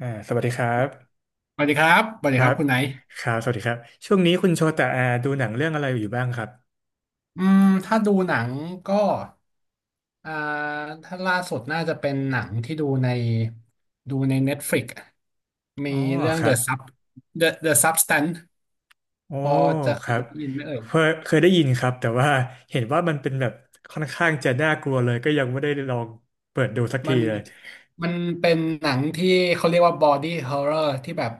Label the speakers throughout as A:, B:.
A: สวัสดีครับ
B: สวัสดีครับ สวัส
A: ค
B: ดีค
A: รั
B: รับ
A: บ
B: คุณไหน
A: ครับสวัสดีครับ ช่วงนี้คุณโชตะดูหนังเรื่องอะไรอยู่บ้างครับ
B: อืมถ้าดูหนังก็อ่าถ้าล่าสุดน่าจะเป็นหนังที่ดูใน Netflix
A: อ๋อ
B: มีเรื่อง
A: ครั
B: The
A: บ
B: Sub The The Substance
A: โอ้
B: พอจะ
A: ค
B: เค
A: รั
B: ย
A: บ
B: ได้ยินไหมเอ่ย
A: เคยได้ยินครับแต่ว่าเห็นว่ามันเป็นแบบค่อนข้างจะน่ากลัวเลยก็ยังไม่ได้ลองเปิดดูสัก
B: มั
A: ที
B: น
A: เลย
B: มันเป็นหนังที่เขาเรียกว่า body horror ที่แบบ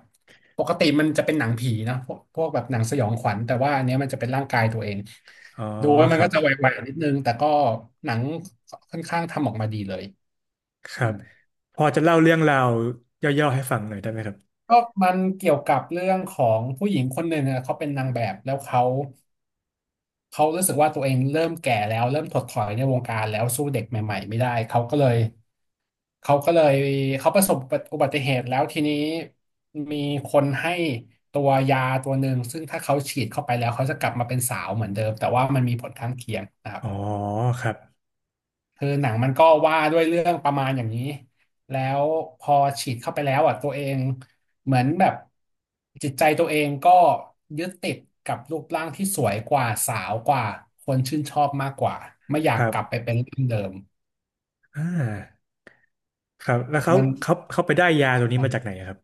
B: ปกติมันจะเป็นหนังผีนะ พวกแบบหนังสยองขวัญแต่ว่าอันเนี้ยมันจะเป็นร่างกายตัวเอง
A: อ๋อ
B: ดูแล้ว
A: ค
B: มัน
A: รั
B: ก็
A: บ
B: จะไหวๆนิดนึง แต่ก็หนังค่อนข้างทำออกมาดีเลย
A: ครับพอจะเล่าเรื่องราวย่อๆให้ฟังหน่อยได้ไหมครับ
B: ก็มันเกี่ยวกับเรื่องของผู้หญิงคนหนึ่งอะเขาเป็นนางแบบแล้วเขารู้สึกว่าตัวเองเริ่มแก่แล้วเริ่มถดถอยในวงการแล้วสู้เด็กใหม่ๆไม่ได้เขาก็เลยเขาประสบอุบัติเหตุแล้วทีนี้มีคนให้ตัวยาตัวหนึ่งซึ่งถ้าเขาฉีดเข้าไปแล้วเขาจะกลับมาเป็นสาวเหมือนเดิมแต่ว่ามันมีผลข้างเคียงนะครับ
A: อ๋อครับ
B: คือหนังมันก็ว่าด้วยเรื่องประมาณอย่างนี้ แล้วพอฉีดเข้าไปแล้วอ่ะตัวเองเหมือนแบบจิตใจตัวเองก็ยึดติดกับรูปร่างที่สวยกว่าสาวกว่าคนชื่นชอบมากกว่าไม่อยา
A: ค
B: ก
A: รั
B: กลับไป
A: บ
B: เป็นร่างเดิม
A: อ่าครับแล้วเขา
B: มัน
A: เขาไปได้ยาตัวนี้มาจากไหนอะครับ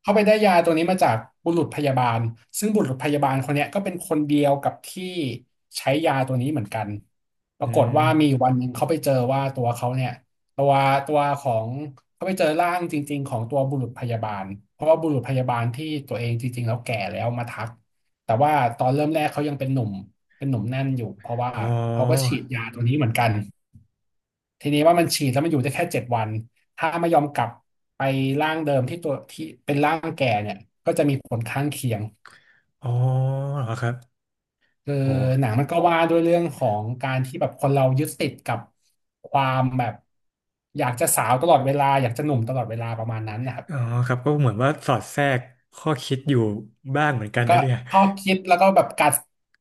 B: เขาไปได้ยาตัวนี้มาจากบุรุษพยาบาลซึ่งบุรุษพยาบาลคนเนี้ยก็เป็นคนเดียวกับที่ใช้ยาตัวนี้เหมือนกันป
A: อื
B: รากฏ
A: ม
B: ว่ามีอยู่วันหนึ่งเขาไปเจอว่าตัวเขาเนี่ยตัวตัวของเขาไปเจอร่างจริงๆของตัวบุรุษพยาบาลเพราะว่าบุรุษพยาบาลที่ตัวเองจริงๆแล้วแก่แล้วมาทักแต่ว่าตอนเริ่มแรกเขายังเป็นหนุ่มแน่นอยู่เพราะว่า
A: อ๋อ
B: เขาก็ฉีดยาตัวนี้เหมือนกัน ทีนี้ว่ามันฉีดแล้วมันอยู่ได้แค่เจ็ดวันถ้าไม่ยอมกลับไปร่างเดิมที่ตัวที่เป็นร่างแก่เนี่ยก็จะมีผลข้างเคียง
A: อ๋อเหรอครับ
B: คือ
A: โอ้
B: หนังมันก็ว่าด้วยเรื่องของการที่แบบคนเรายึดติดกับความแบบอยากจะสาวตลอดเวลาอยากจะหนุ่มตลอดเวลาประมาณนั้นนะครับ
A: อ๋อครับก็เหมือนว่าสอดแทรกข้อคิดอยู่บ้างเหมือนกัน
B: ก็
A: นะเนี่ย
B: ข้อคิดแล้วก็แบบกัด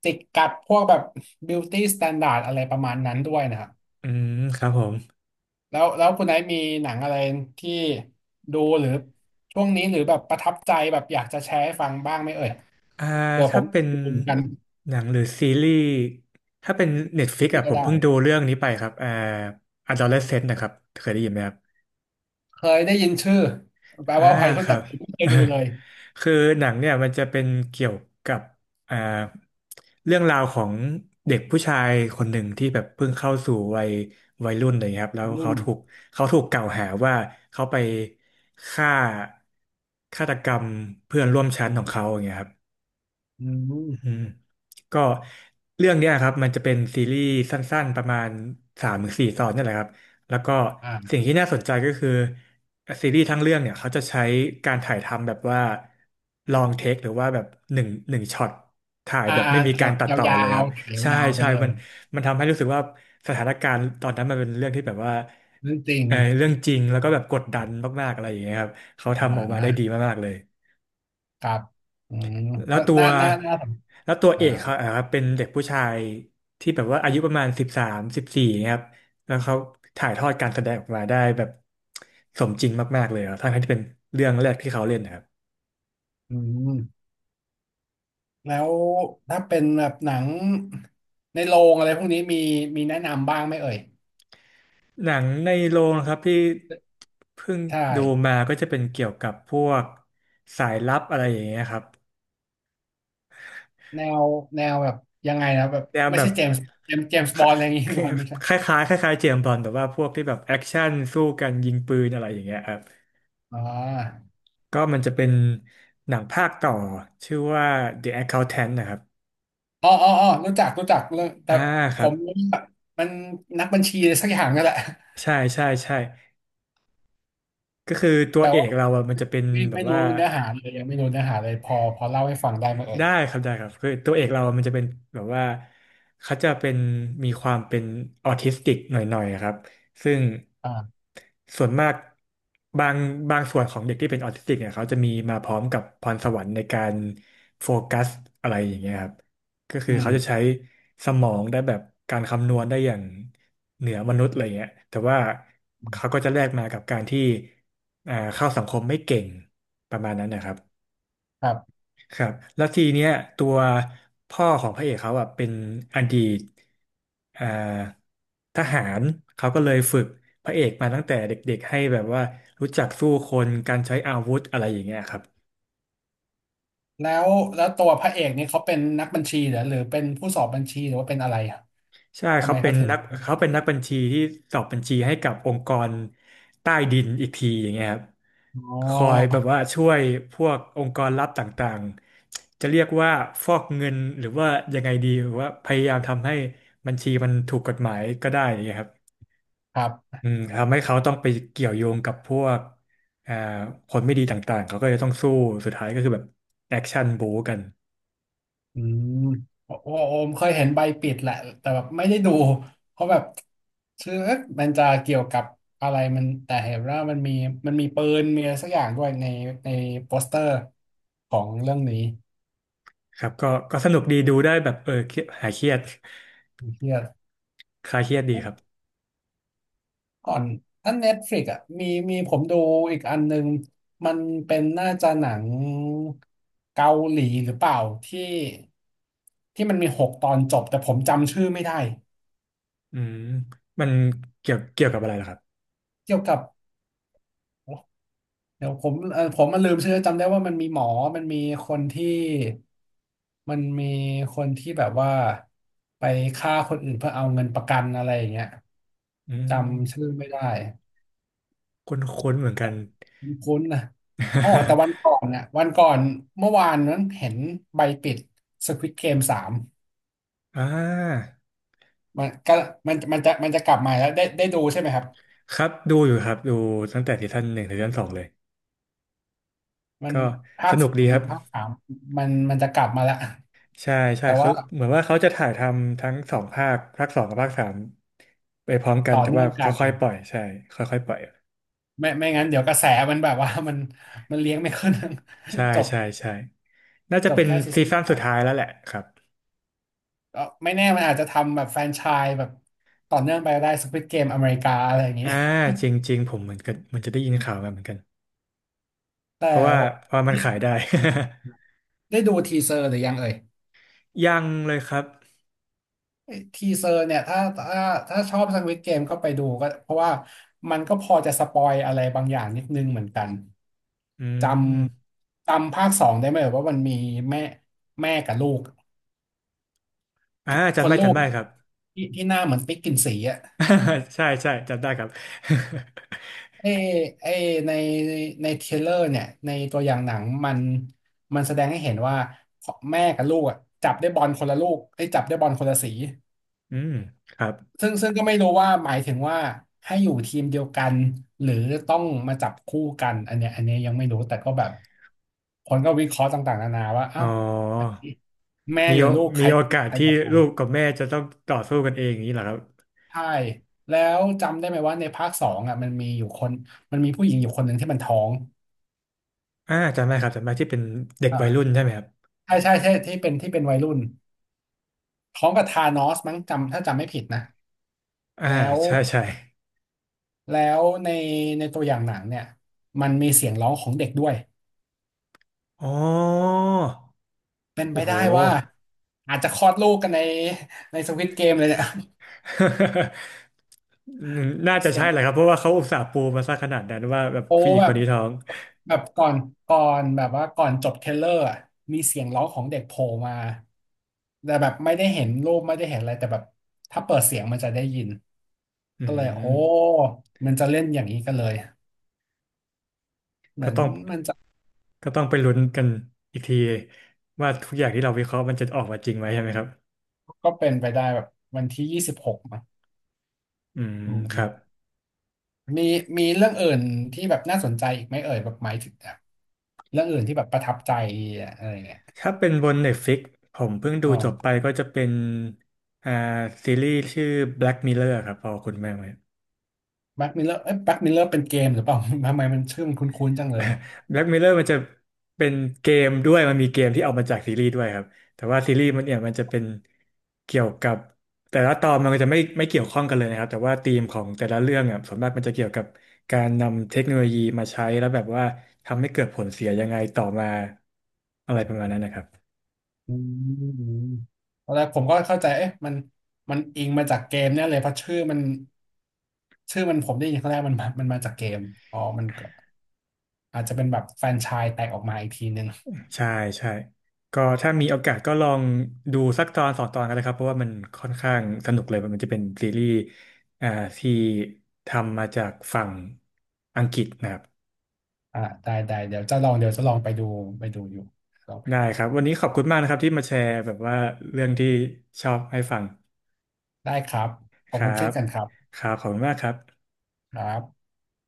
B: จิกกัดพวกแบบ beauty standard อะไรประมาณนั้นด้วยนะครับ
A: อืมครับผม
B: แล้วคุณไน์มีหนังอะไรที่ดูหรือช่วงนี้หรือแบบประทับใจแบบอยากจะแชร์ให้ฟังบ้างไหมเอ่ย
A: อ่า
B: เผื่อผ
A: ถ้า
B: ม
A: เป็น
B: เหมือนกัน
A: หนังหรือซีรีส์ถ้าเป็น Netflix
B: ที่
A: อ่ะผ
B: ก็
A: ม
B: ได้
A: เพิ่งดูเรื่องนี้ไปครับ Adolescent นะครับเคยได้ยินไหมครับ
B: เคยได้ยินชื่อแปล
A: อ่า
B: ว่าวัยรุ่
A: ค
B: น
A: รั
B: แต่
A: บ
B: ผมไม่เคยดูเลย
A: คือหนังเนี่ยมันจะเป็นเกี่ยวกับอ่าเรื่องราวของเด็กผู้ชายคนหนึ่งที่แบบเพิ่งเข้าสู่วัยรุ่นอะไรอย่างเลยครับแล้ว
B: ยรุ่น
A: เขาถูกกล่าวหาว่าเขาไปฆ่าฆาตกรรมเพื่อนร่วมชั้นของเขาอย่างเงี้ยครับ
B: อืม
A: อืมก็เรื่องเนี้ยครับมันจะเป็นซีรีส์สั้นๆประมาณสามถึงสี่ตอนเนี่ยแหละครับแล้วก็สิ่ง
B: อ่า
A: ที่น่าสนใจก็คือซีรีส์ทั้งเรื่องเนี่ยเขาจะใช้การถ่ายทำแบบว่าลองเทคหรือว่าแบบหนึ่งช็อตถ่ายแบบไม่มี
B: ถอ
A: การ
B: ด
A: ตัด
B: ย
A: ต่อ
B: า
A: เลยค
B: ว
A: รับ
B: ๆถ่าย
A: ใช่
B: ยาวๆไป
A: ใช่
B: เล
A: มั
B: ย
A: นมันทำให้รู้สึกว่าสถานการณ์ตอนนั้นมันเป็นเรื่องที่แบบว่า
B: นั่นจริง
A: เออเรื่องจริงแล้วก็แบบกดดันมากๆอะไรอย่างเงี้ยครับเขาทำ
B: อ่
A: ออกมาได้ดี
B: า
A: มากๆเลย
B: ครับอืม
A: แล้ว
B: ก็
A: ตัว
B: น่าสน
A: แล้วตัวเอ
B: อ่า
A: กเขาอ่ครับเป็นเด็กผู้ชายที่แบบว่าอายุประมาณ13-14ครับแล้วเขาถ่ายทอดการแสดงออกมาได้แบบสมจริงมากๆเลยครับทั้งที่เป็นเรื่องแรกที่เขาเล่นนะครับ
B: อืมแล้วถ้าเป็นแบบหนังในโรงอะไรพวกนี้มีแนะนำบ้างไหมเอ่ย
A: หนังในโรงนะครับที่เพิ่ง
B: ใช่
A: ดูมาก็จะเป็นเกี่ยวกับพวกสายลับอะไรอย่างเงี้ยครับ
B: แนวแนวแบบยังไงนะแบบ
A: แนว
B: ไม่
A: แบ
B: ใช่
A: บ
B: เจมส์บอลอะไรอย่างงี้
A: ค
B: บอลไม่ใช่
A: คล้ายๆคล้ายๆเจมส์บอนด์แต่ว่าพวกที่แบบแอคชั่นสู้กันยิงปืนอะไรอย่างเงี้ยครับ
B: อ๋อ
A: ก็มันจะเป็นหนังภาคต่อชื่อว่า The Accountant นะครับ
B: อ๋อรู้จักเรื่องแต่
A: อ่าค
B: ผ
A: รับ
B: มรู้ว่ามันนักบัญชีอะไรสักอย่างนั่นแหละ
A: ใช่ใช่ใช่ก็คือตัว
B: แต่
A: เอ
B: ว่า
A: กเราอะมันจะเป็น
B: ไม่
A: แบ
B: ไม่
A: บ
B: รู้
A: ว่า
B: เนื้อหาเลยยังไม่รู้เนื้อหาเลยพอเล่าให้ฟังได้ไหมเอ่ย
A: ได้ครับได้ครับคือตัวเอกเรามันจะเป็นแบบว่าเขาจะเป็นมีความเป็นออทิสติกหน่อยๆครับซึ่ง
B: อ่า
A: ส่วนมากบางบางส่วนของเด็กที่เป็นออทิสติกเนี่ยเขาจะมีมาพร้อมกับพรสวรรค์ในการโฟกัสอะไรอย่างเงี้ยครับก็คื
B: อื
A: อ
B: ม
A: เขาจะใช้สมองได้แบบการคำนวณได้อย่างเหนือมนุษย์อะไรเงี้ยแต่ว่า
B: อื
A: เขา
B: ม
A: ก็จะแลกมากับการที่เข้าสังคมไม่เก่งประมาณนั้นนะครับ
B: ครับ
A: ครับแล้วทีเนี้ยตัวพ่อของพระเอกเขาอ่ะเป็นอดีตเอ่อทหารเขาก็เลยฝึกพระเอกมาตั้งแต่เด็กๆให้แบบว่ารู้จักสู้คนการใช้อาวุธอะไรอย่างเงี้ยครับ
B: แล้วแล้วตัวพระเอกนี่เขาเป็นนักบัญชีเหรอหรือเป็นผู้สอบบัญชีหรือว่าเป็นอะไรอ่ะ
A: ใช่
B: ทำไมเขาถึง
A: เขาเป็นนักบัญชีที่สอบบัญชีให้กับองค์กรใต้ดินอีกทีอย่างเงี้ยครับ
B: อ๋
A: คอย
B: อ
A: แบบว่าช่วยพวกองค์กรลับต่างๆจะเรียกว่าฟอกเงินหรือว่ายังไงดีหรือว่าพยายามทำให้บัญชีมันถูกกฎหมายก็ได้อย่างเงี้ยครับ
B: ครับ
A: อืมทำให้เขาต้องไปเกี่ยวโยงกับพวกอ่าคนไม่ดีต่างๆเขาก็จะต้องสู้สุดท้ายก็คือแบบแอคชั่นบู๊กัน
B: อืมโอ้โอโอมเคยเห็นใบปิดแหละแต่แบบไม่ได้ดูเพราะแบบชื่อเอ๊ะมันจะเกี่ยวกับอะไรมันแต่เห็นว่ามันมีปืนมีอะไรสักอย่างด้วยในโปสเตอร์ของเรื่องนี้
A: ครับก็ก็สนุกดีดูได้แบบเออเครียดหายเครียด
B: เฮีย
A: คลายเครียดดีครับ
B: ก่อนถ้าเน็ตฟลิกอ่ะมีผมดูอีกอันนึงมันเป็นน่าจะหนังเกาหลีหรือเปล่าที่ที่มันมีหกตอนจบแต่ผมจำชื่อไม่ได้
A: อืมมันเกี่ยวกับอะไรล่ะครับ
B: เกี่ยวกับ เดี๋ยวผมผมมันลืมชื่อจำได้ว่ามันมีหมอมันมีคนที่มันมีคนที่แบบว่าไปฆ่าคนอื่นเพื่อเอาเงินประกันอะไรอย่างเงี้ย
A: อื
B: จำชื่อ
A: ม
B: ไม่ได้
A: คุ้นๆเหมือนกัน
B: คุ้นๆนะแต่วันก่อนเมื่อวานนั้นเห็นใบปิด Squid Game สาม
A: อ่า
B: มันก็มันมันจะกลับมาแล้วได้ได้ดูใช่ไหมครับ
A: ครับดูอยู่ครับดูตั้งแต่ซีซั่นหนึ่งถึงซีซั่นสองเลย
B: มัน
A: ก็
B: ภา
A: ส
B: ค
A: นุก
B: สา
A: ดี
B: ม
A: ครับ
B: ภาคสามมันจะกลับมาแล้ว
A: ใช่ใช่
B: แต่
A: เขา
B: ว่า
A: เหมือนว่าเขาจะถ่ายทำทั้งสองภาคภาคสองกับภาคสามไปพร้อมกัน
B: ต่อ
A: แต่
B: เนื่
A: ว่า
B: องกัน
A: ค่อยๆปล่อยใช่ค่อยๆปล่อย
B: ไม่งั้นเดี๋ยวกระแสมันแบบว่า มันเลี้ยงไม่ขึ้น
A: ใช่
B: จบ
A: ใช่ใช่น่าจะ
B: จบ
A: เป็น
B: แค่ซี
A: ซี
B: ซั่น
A: ซั่น
B: ส
A: สุ
B: อ
A: ด
B: ง
A: ท้ายแล้วแหละครับ
B: ก็ไม่แน่มันอาจจะทำแบบแฟรนไชส์แบบต่อเนื่องไปก็ได้ Squid Game อเมริกาอะไรอย่างนี้
A: อ่าจริงๆผมเหมือนกันมันจะได้ยินข่าวมาเหมือนกัน
B: แต่
A: เพราะว่าเพราะมันขายได้
B: ได้ดูทีเซอร์หรือยังเอ่ย
A: ยังเลยครับ
B: ทีเซอร์เนี่ยถ้าถ้าชอบ Squid Game ก็ไปดูก็เพราะว่ามันก็พอจะสปอยอะไรบางอย่างนิดนึงเหมือนกัน
A: อื
B: จ
A: ม
B: จำภาคสองได้ไหมเอ่ยว่ามันมีแม่แม่กับลูกคนลู
A: จำ
B: ก
A: ได้ครับ
B: ที่หน้าเหมือนปิ๊กกินสีอะ
A: ใช่ใช่จำได้ครับ
B: ไอ้ไอในในเทรลเลอร์เนี่ยในตัวอย่างหนังมันแสดงให้เห็นว่าแม่กับลูกอะจับได้บอลคนละลูกได้ยจับได้บอลคนละสี
A: อืมครับ
B: ซึ่งก็ไม่รู้ว่าหมายถึงว่าให้อยู่ทีมเดียวกันหรือต้องมาจับคู่กันอันเนี้ยยังไม่รู้แต่ก็แบบคนก็วิเคราะห์ต่างๆนานาว่า
A: อ๋
B: เอ้า
A: อ
B: แม่
A: มี
B: หรื
A: โอ
B: อลูกใค
A: มี
B: ร
A: โอ
B: จะ
A: กาส
B: ใคร
A: ที่
B: จะไป
A: ลูกกับแม่จะต้องต่อสู้กันเองอย่างนี้เหรอครับ
B: ใช่แล้วจำได้ไหมว่าในภาคสองอ่ะมันมีอยู่คนมันมีผู้หญิงอยู่คนหนึ่งที่มันท้อง
A: จำได้ครับจำได้ที่เป็นเด็ก
B: อ่า
A: วัยรุ่นใช่ไหมครับ
B: ใช่ใช่ใช่ที่เป็นที่เป็นวัยรุ่นพร้อมกับธานอสมั้งจำถ้าจำไม่ผิดนะ
A: อ่า
B: แล้ว
A: ใช่ใช่
B: แล้วในในตัวอย่างหนังเนี่ยมันมีเสียงร้องของเด็กด้วย
A: อ๋อ
B: เป็นไป
A: โอ้โห
B: ได้ว่าอาจจะคลอดลูกกันในสควิดเกมเลยเนี่ย
A: น่า จะ
B: เสี
A: ใช่
B: ยง
A: แหละครับเพราะว่าเขาอุตส่าห์ปูมาซะขนาดนั้นว่าแบบ
B: โอ้
A: ผู้หญิง
B: แบ
A: ค
B: บ
A: นนี้ท้อง
B: แบบก่อนจบเทรลเลอร์อะมีเสียงร้องของเด็กโผล่มาแต่แบบไม่ได้เห็นรูปไม่ได้เห็นอะไรแต่แบบถ้าเปิดเสียงมันจะได้ยิน
A: อื
B: ก็เลยโอ้
A: ม
B: มันจะเล่นอย่างนี้กันเลยเหมื
A: ก็
B: อน
A: ต้อง
B: มันจะ
A: ก็ต้องไปลุ้นกันอีกทีว่าทุกอย่างที่เราวิเคราะห์มันจะออกมาจริงไหมใช่ไหมครับ
B: ก็เป็นไปได้แบบวันที่26มั้ง
A: อืม
B: อื
A: ครับ
B: มมีมีเรื่องอื่นที่แบบน่าสนใจอีกไหมเอ่ยแบบหมายถึงแบบเรื่องอื่นที่แบบประทับใจอะไรเงี้ย
A: ถ้าเป็นบน Netflix ผมเพิ่งดู
B: อ๋อ
A: จบไปก็จะเป็นอ่าซีรีส์ชื่อ Black Mirror ครับพอคุณแม่ไหม
B: แบ็กมิลเลอร์เอ้ยแบ็กมิลเลอร์เป็นเกมหรือเปล่า ทำไมมันชื่อมันคุ้นๆจังเลย
A: แบล็กเ r อร์มันจะเป็นเกมด้วยมันมีเกมที่เอามาจากซีรีส์ด้วยครับแต่ว่าซีรีส์มันเนี่ยมันจะเป็นเกี่ยวกับแต่ละตอนมันก็จะไม่เกี่ยวข้องกันเลยนะครับแต่ว่าธีมของแต่ละเรื่องอ่ะส่วนมากมันจะเกี่ยวกับการนำเทคโนโลยีมาใช้แล้วแบบว่าทำให้เกิดผลเสียยังไงต่อมาอะไรประมาณนั้นนะครับ
B: อืมตอนแรกผมก็เข้าใจเอ๊ะมันอิงมาจากเกมเนี่ยเลยเพราะชื่อมันผมได้ยินครั้งแรกมันมาจากเกมอ๋อมันก็อาจจะเป็นแบบแฟรนไชส์แตกออกมาอีกทีนึง
A: ใช่ใช่ก็ถ้ามีโอกาสก็ลองดูสักตอนสองตอนกันนะครับเพราะว่ามันค่อนข้างสนุกเลยมันจะเป็นซีรีส์อ่าที่ทำมาจากฝั่งอังกฤษนะครับ
B: อ่าได้ได้เดี๋ยวจะลองเดี๋ยวจะลองไปดูไปดูอยู่ลองไป
A: ได้
B: ดู
A: ครับวันนี้ขอบคุณมากนะครับที่มาแชร์แบบว่าเรื่องที่ชอบให้ฟัง
B: ได้ครับ ขอ
A: ค
B: บ
A: รั
B: คุณเช่น
A: บ
B: กันครับ
A: ครับขอบคุณมากครับ
B: ครับ